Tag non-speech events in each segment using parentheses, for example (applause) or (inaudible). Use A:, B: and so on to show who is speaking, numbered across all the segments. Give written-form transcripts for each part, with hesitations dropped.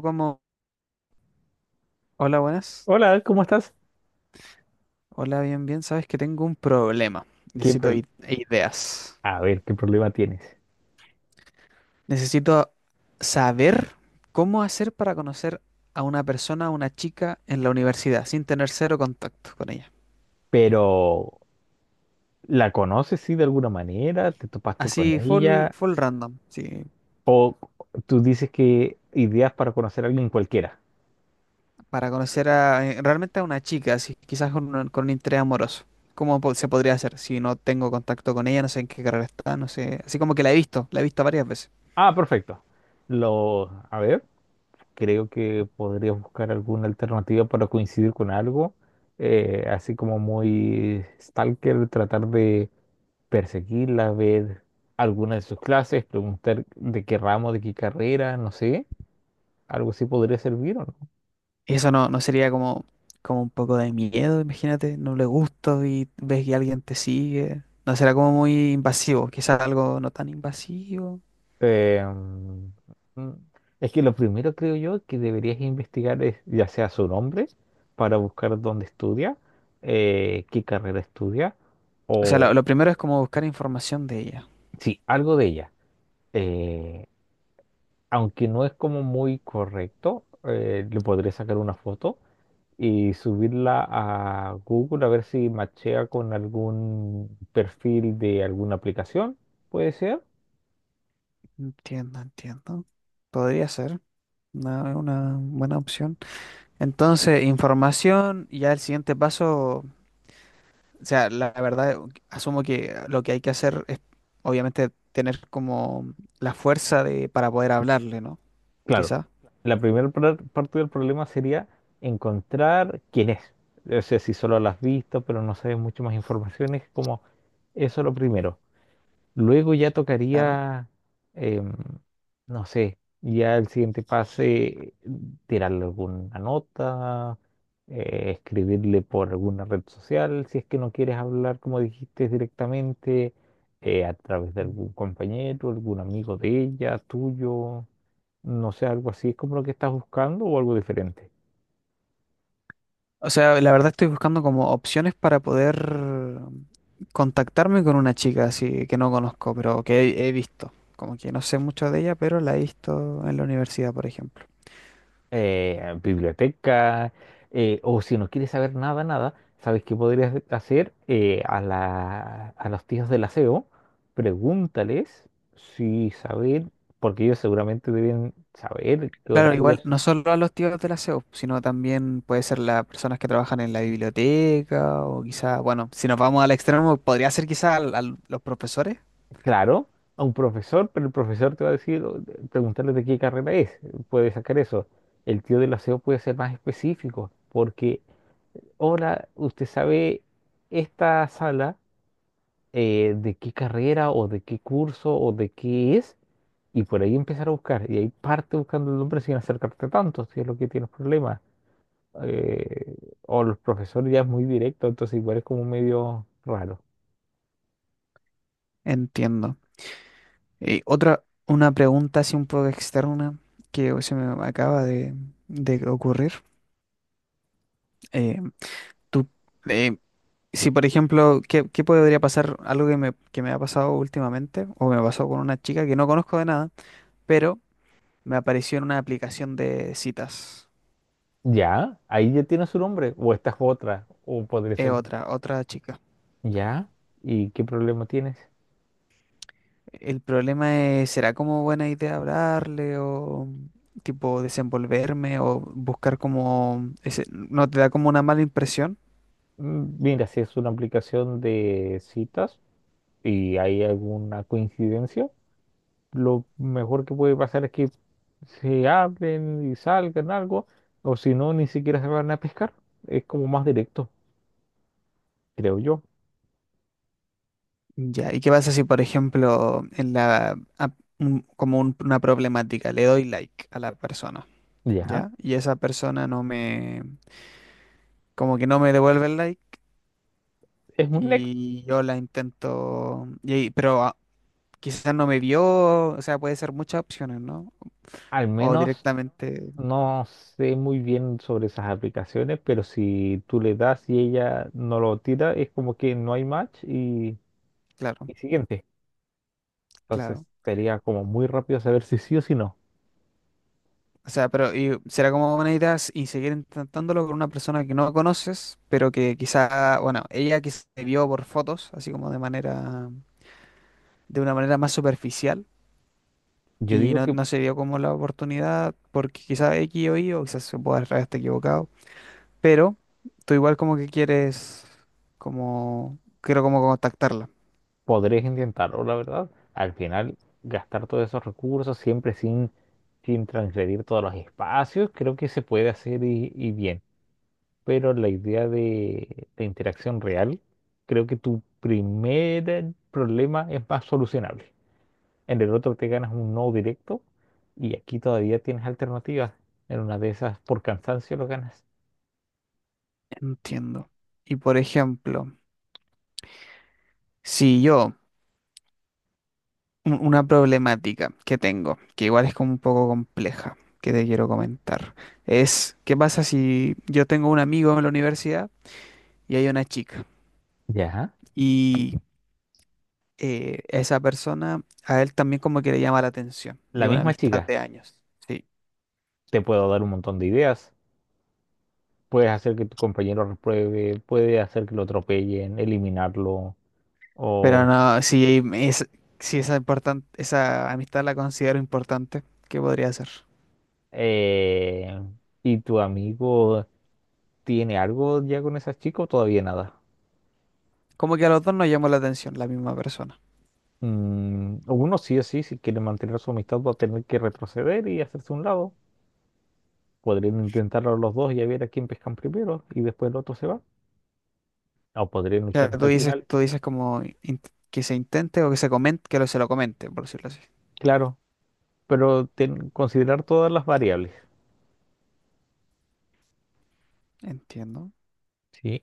A: Como, hola, buenas.
B: Hola, ¿cómo estás?
A: Hola, bien, bien, sabes que tengo un problema,
B: ¿Qué
A: necesito
B: pro-
A: ideas.
B: A ver, ¿qué problema tienes?
A: Necesito saber cómo hacer para conocer a una persona, a una chica en la universidad, sin tener cero contacto con ella.
B: Pero, ¿la conoces, sí, de alguna manera? ¿Te topaste con
A: Así, full,
B: ella?
A: full random, sí.
B: ¿O tú dices que ideas para conocer a alguien cualquiera?
A: Para conocer a, realmente a una chica, así, quizás con un interés amoroso. ¿Cómo se podría hacer si no tengo contacto con ella, no sé en qué carrera está, no sé, así como que la he visto varias veces?
B: Ah, perfecto. A ver, creo que podrías buscar alguna alternativa para coincidir con algo, así como muy stalker, tratar de perseguirla, ver alguna de sus clases, preguntar de qué ramo, de qué carrera, no sé, algo así podría servir, ¿o no?
A: Eso no, no sería como, como un poco de miedo, imagínate, no le gusta y ves que alguien te sigue. No será como muy invasivo, quizás algo no tan invasivo.
B: Eh, mm, mm, es que lo primero creo yo que deberías investigar es ya sea su nombre para buscar dónde estudia, qué carrera estudia
A: O sea,
B: o
A: lo primero es como buscar información de ella.
B: sí, algo de ella. Eh, Aunque no es como muy correcto, le podré sacar una foto y subirla a Google a ver si machea con algún perfil de alguna aplicación, puede ser.
A: Entiendo, entiendo. Podría ser una buena opción. Entonces, información, y ya el siguiente paso, o sea, la verdad, asumo que lo que hay que hacer es, obviamente, tener como la fuerza de, para poder hablarle, ¿no?
B: Claro,
A: Quizás.
B: la primera parte del problema sería encontrar quién es. O sea, si solo la has visto, pero no sabes mucho más información, es como eso lo primero. Luego ya tocaría, em, no sé, ya el siguiente pase, tirarle alguna nota, escribirle por alguna red social, si es que no quieres hablar, como dijiste, directamente, a través de algún compañero, algún amigo de ella, tuyo. No sé, algo así es como lo que estás buscando o algo diferente.
A: O sea, la verdad estoy buscando como opciones para poder contactarme con una chica así que no conozco, pero que he, he visto. Como que no sé mucho de ella, pero la he visto en la universidad, por ejemplo.
B: Biblioteca, o si no quieres saber nada, nada, ¿sabes qué podrías hacer? A los tíos del aseo, pregúntales si saben, porque ellos seguramente deben saber qué
A: Claro, igual
B: horarios.
A: no solo a los tíos de la CEU, sino también puede ser las personas que trabajan en la biblioteca o quizá, bueno, si nos vamos al extremo, podría ser quizá los profesores.
B: Claro, a un profesor, pero el profesor te va a decir, preguntarle de qué carrera es, puede sacar eso. El tío del aseo puede ser más específico, porque ahora usted sabe esta sala de qué carrera o de qué curso o de qué es, y por ahí empezar a buscar. Y ahí parte buscando el nombre sin acercarte tanto, si es lo que tienes problemas. Eh, o los profesores ya es muy directo, entonces igual es como medio raro.
A: Entiendo. Y otra, una pregunta así un poco externa que se me acaba de ocurrir. Eh, ¿Tú eh, si, por ejemplo, qué, qué podría pasar? Algo que me ha pasado últimamente, o me pasó con una chica que no conozco de nada, pero me apareció en una aplicación de citas.
B: Ya, ahí ya tienes su nombre, o esta es otra, o podría
A: Es
B: ser.
A: otra, otra chica.
B: Ya, ¿y qué problema tienes?
A: El problema es, ¿será como buena idea hablarle o tipo desenvolverme o buscar como ese no te da como una mala impresión?
B: Mm, mira, si es una aplicación de citas y hay alguna coincidencia, lo mejor que puede pasar es que se hablen y salgan algo, o si no, ni siquiera se van a pescar. Es como más directo, creo yo.
A: Ya, ¿y qué pasa si, por ejemplo, en como una problemática, le doy like a la persona,
B: Ya,
A: ya? Y esa persona no me, como que no me devuelve el like
B: es un next.
A: y yo la intento, y, quizás no me vio, o sea, puede ser muchas opciones, ¿no?
B: Al
A: O
B: menos
A: directamente,
B: no sé muy bien sobre esas aplicaciones, pero si tú le das y ella no lo tira, es como que no hay match
A: claro,
B: y siguiente. Entonces
A: claro.
B: sería como muy rápido saber si sí o si no.
A: O sea, pero y será como una idea y seguir intentándolo con una persona que no conoces, pero que quizá, bueno, ella que se vio por fotos, así como de manera, de una manera más superficial.
B: Yo
A: Y
B: digo
A: no,
B: que
A: no se dio como la oportunidad porque quizá X o Y, o quizás se pueda estar equivocado. Pero tú igual como que quieres, como, quiero como contactarla.
B: podrías intentarlo, la verdad. Al final, gastar todos esos recursos siempre sin transgredir todos los espacios, creo que se puede hacer y bien. Pero la idea de interacción real, creo que tu primer problema es más solucionable. En el otro te ganas un no directo y aquí todavía tienes alternativas. En una de esas, por cansancio lo ganas.
A: Entiendo. Y por ejemplo, si yo, una problemática que tengo, que igual es como un poco compleja, que te quiero comentar, es, ¿qué pasa si yo tengo un amigo en la universidad y hay una chica?
B: Ya.
A: Y esa persona a él también como que le llama la atención, y
B: La
A: una
B: misma
A: amistad
B: chica,
A: de años. Sí.
B: te puedo dar un montón de ideas. Puedes hacer que tu compañero repruebe, puede hacer que lo atropellen, eliminarlo, o
A: Pero no, si es, si esa importante, esa amistad la considero importante, ¿qué podría ser?
B: eh, ¿y tu amigo tiene algo ya con esas chicas o todavía nada?
A: Como que a los dos nos llamó la atención la misma persona.
B: Mm, uno sí o sí, si quiere mantener su amistad va a tener que retroceder y hacerse a un lado. Podrían intentarlo los dos y a ver a quién pescan primero y después el otro se va. O podrían
A: O
B: luchar
A: sea,
B: hasta el final.
A: tú dices como que se intente o que se comente, que lo, se lo comente, por decirlo así.
B: Claro, pero considerar todas las variables.
A: Entiendo,
B: Sí,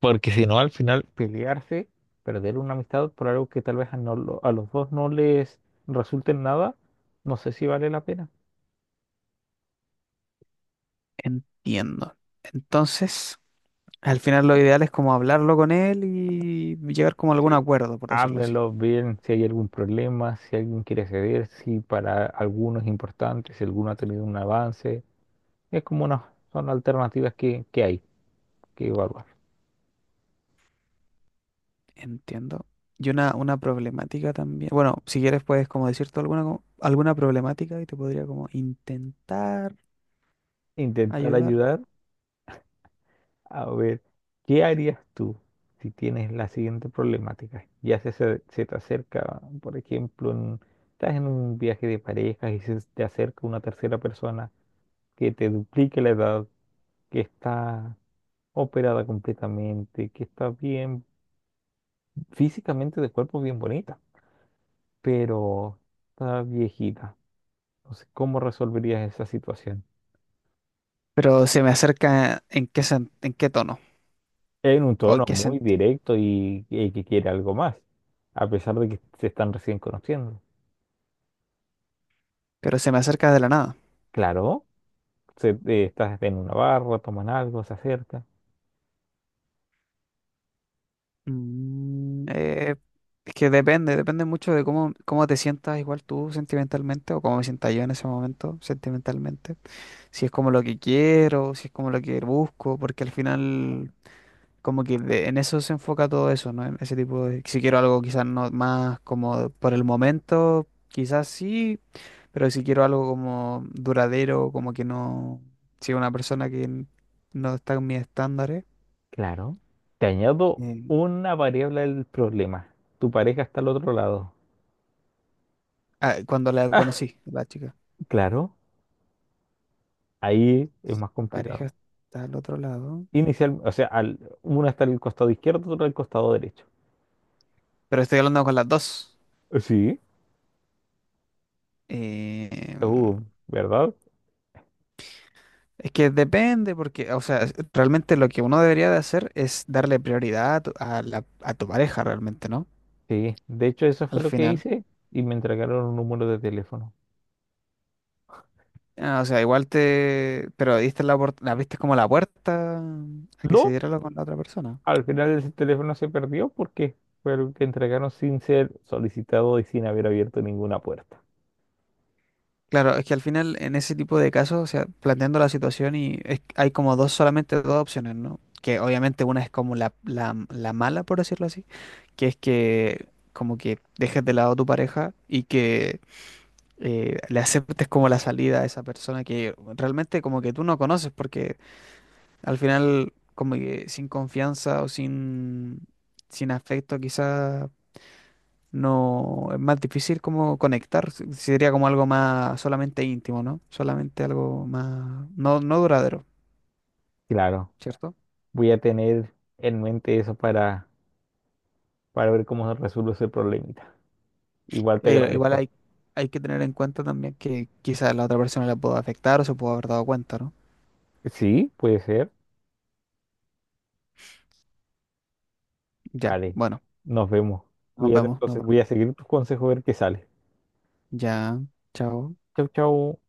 B: porque si no, al final pelearse, perder una amistad por algo que tal vez a los dos no les resulte en nada, no sé si vale la pena.
A: entiendo. Entonces, al final lo ideal es como hablarlo con él y llegar como a algún
B: Sí.
A: acuerdo, por decirlo así.
B: Háblenlo bien si hay algún problema, si alguien quiere ceder, si para alguno es importante, si alguno ha tenido un avance. Es como una, son alternativas que hay que evaluar.
A: Entiendo. Y una problemática también. Bueno, si quieres puedes como decirte alguna, alguna problemática y te podría como intentar.
B: Intentar
A: Ayudar.
B: ayudar. A ver, ¿qué harías tú si tienes la siguiente problemática? Se te acerca, por ejemplo, estás en un viaje de parejas y se te acerca una tercera persona que te duplique la edad, que está operada completamente, que está bien físicamente de cuerpo bien bonita, pero está viejita. Entonces, ¿cómo resolverías esa situación?
A: Pero se me acerca en qué, en qué tono
B: En un
A: o en
B: tono
A: qué
B: muy
A: sentido.
B: directo y que quiere algo más, a pesar de que se están recién conociendo.
A: Pero se me acerca de la nada.
B: Claro. Estás en una barra, toman algo, se acerca.
A: Mm. Eh, es que depende, depende mucho de cómo, cómo te sientas igual tú sentimentalmente o cómo me sienta yo en ese momento sentimentalmente. Si es como lo que quiero, si es como lo que busco, porque al final como que en eso se enfoca todo eso, ¿no? En ese tipo de si quiero algo quizás no más como por el momento, quizás sí. Pero si quiero algo como duradero, como que no, sea una persona que no está en mis estándares.
B: Claro. Te añado
A: eh,
B: una variable del problema. Tu pareja está al otro lado.
A: cuando la
B: (laughs)
A: conocí, la chica,
B: Claro, ahí es más
A: mi pareja
B: complicado.
A: está al otro lado,
B: Inicial, o sea, al, uno está al costado izquierdo, otro al costado derecho.
A: pero estoy hablando con las dos.
B: Sí.
A: Eh,
B: Uh, ¿Verdad?
A: es que depende, porque, o sea, realmente lo que uno debería de hacer es darle prioridad a tu, a tu pareja realmente, ¿no?
B: Sí. De hecho, eso fue
A: Al
B: lo que
A: final.
B: hice y me entregaron un número de teléfono.
A: Ah, o sea, igual te, pero diste la, la viste como la puerta a que se
B: No,
A: diera lo con la otra persona.
B: al final ese teléfono se perdió porque fue el que entregaron sin ser solicitado y sin haber abierto ninguna puerta.
A: Claro, es que al final en ese tipo de casos, o sea, planteando la situación y hay como dos, solamente dos opciones, ¿no? Que obviamente una es como la mala, por decirlo así, que es que como que dejes de lado a tu pareja y que le aceptes como la salida a esa persona que realmente como que tú no conoces, porque al final como que sin confianza o sin, sin afecto quizás no, es más difícil como conectar, sería como algo más solamente íntimo, ¿no? Solamente algo más, no, no duradero,
B: Claro.
A: ¿cierto?
B: Voy a tener en mente eso para ver cómo se resuelve ese problemita. Igual te
A: Igual
B: agradezco.
A: hay, hay que tener en cuenta también que quizás la otra persona la pueda afectar o se pueda haber dado cuenta, ¿no?
B: Sí, puede ser.
A: Ya,
B: Vale,
A: bueno,
B: nos vemos.
A: nos
B: Cuídate,
A: vemos, nos
B: entonces voy
A: vemos.
B: a seguir tus consejos a ver qué sale.
A: Ya, chao.
B: Chau, chau.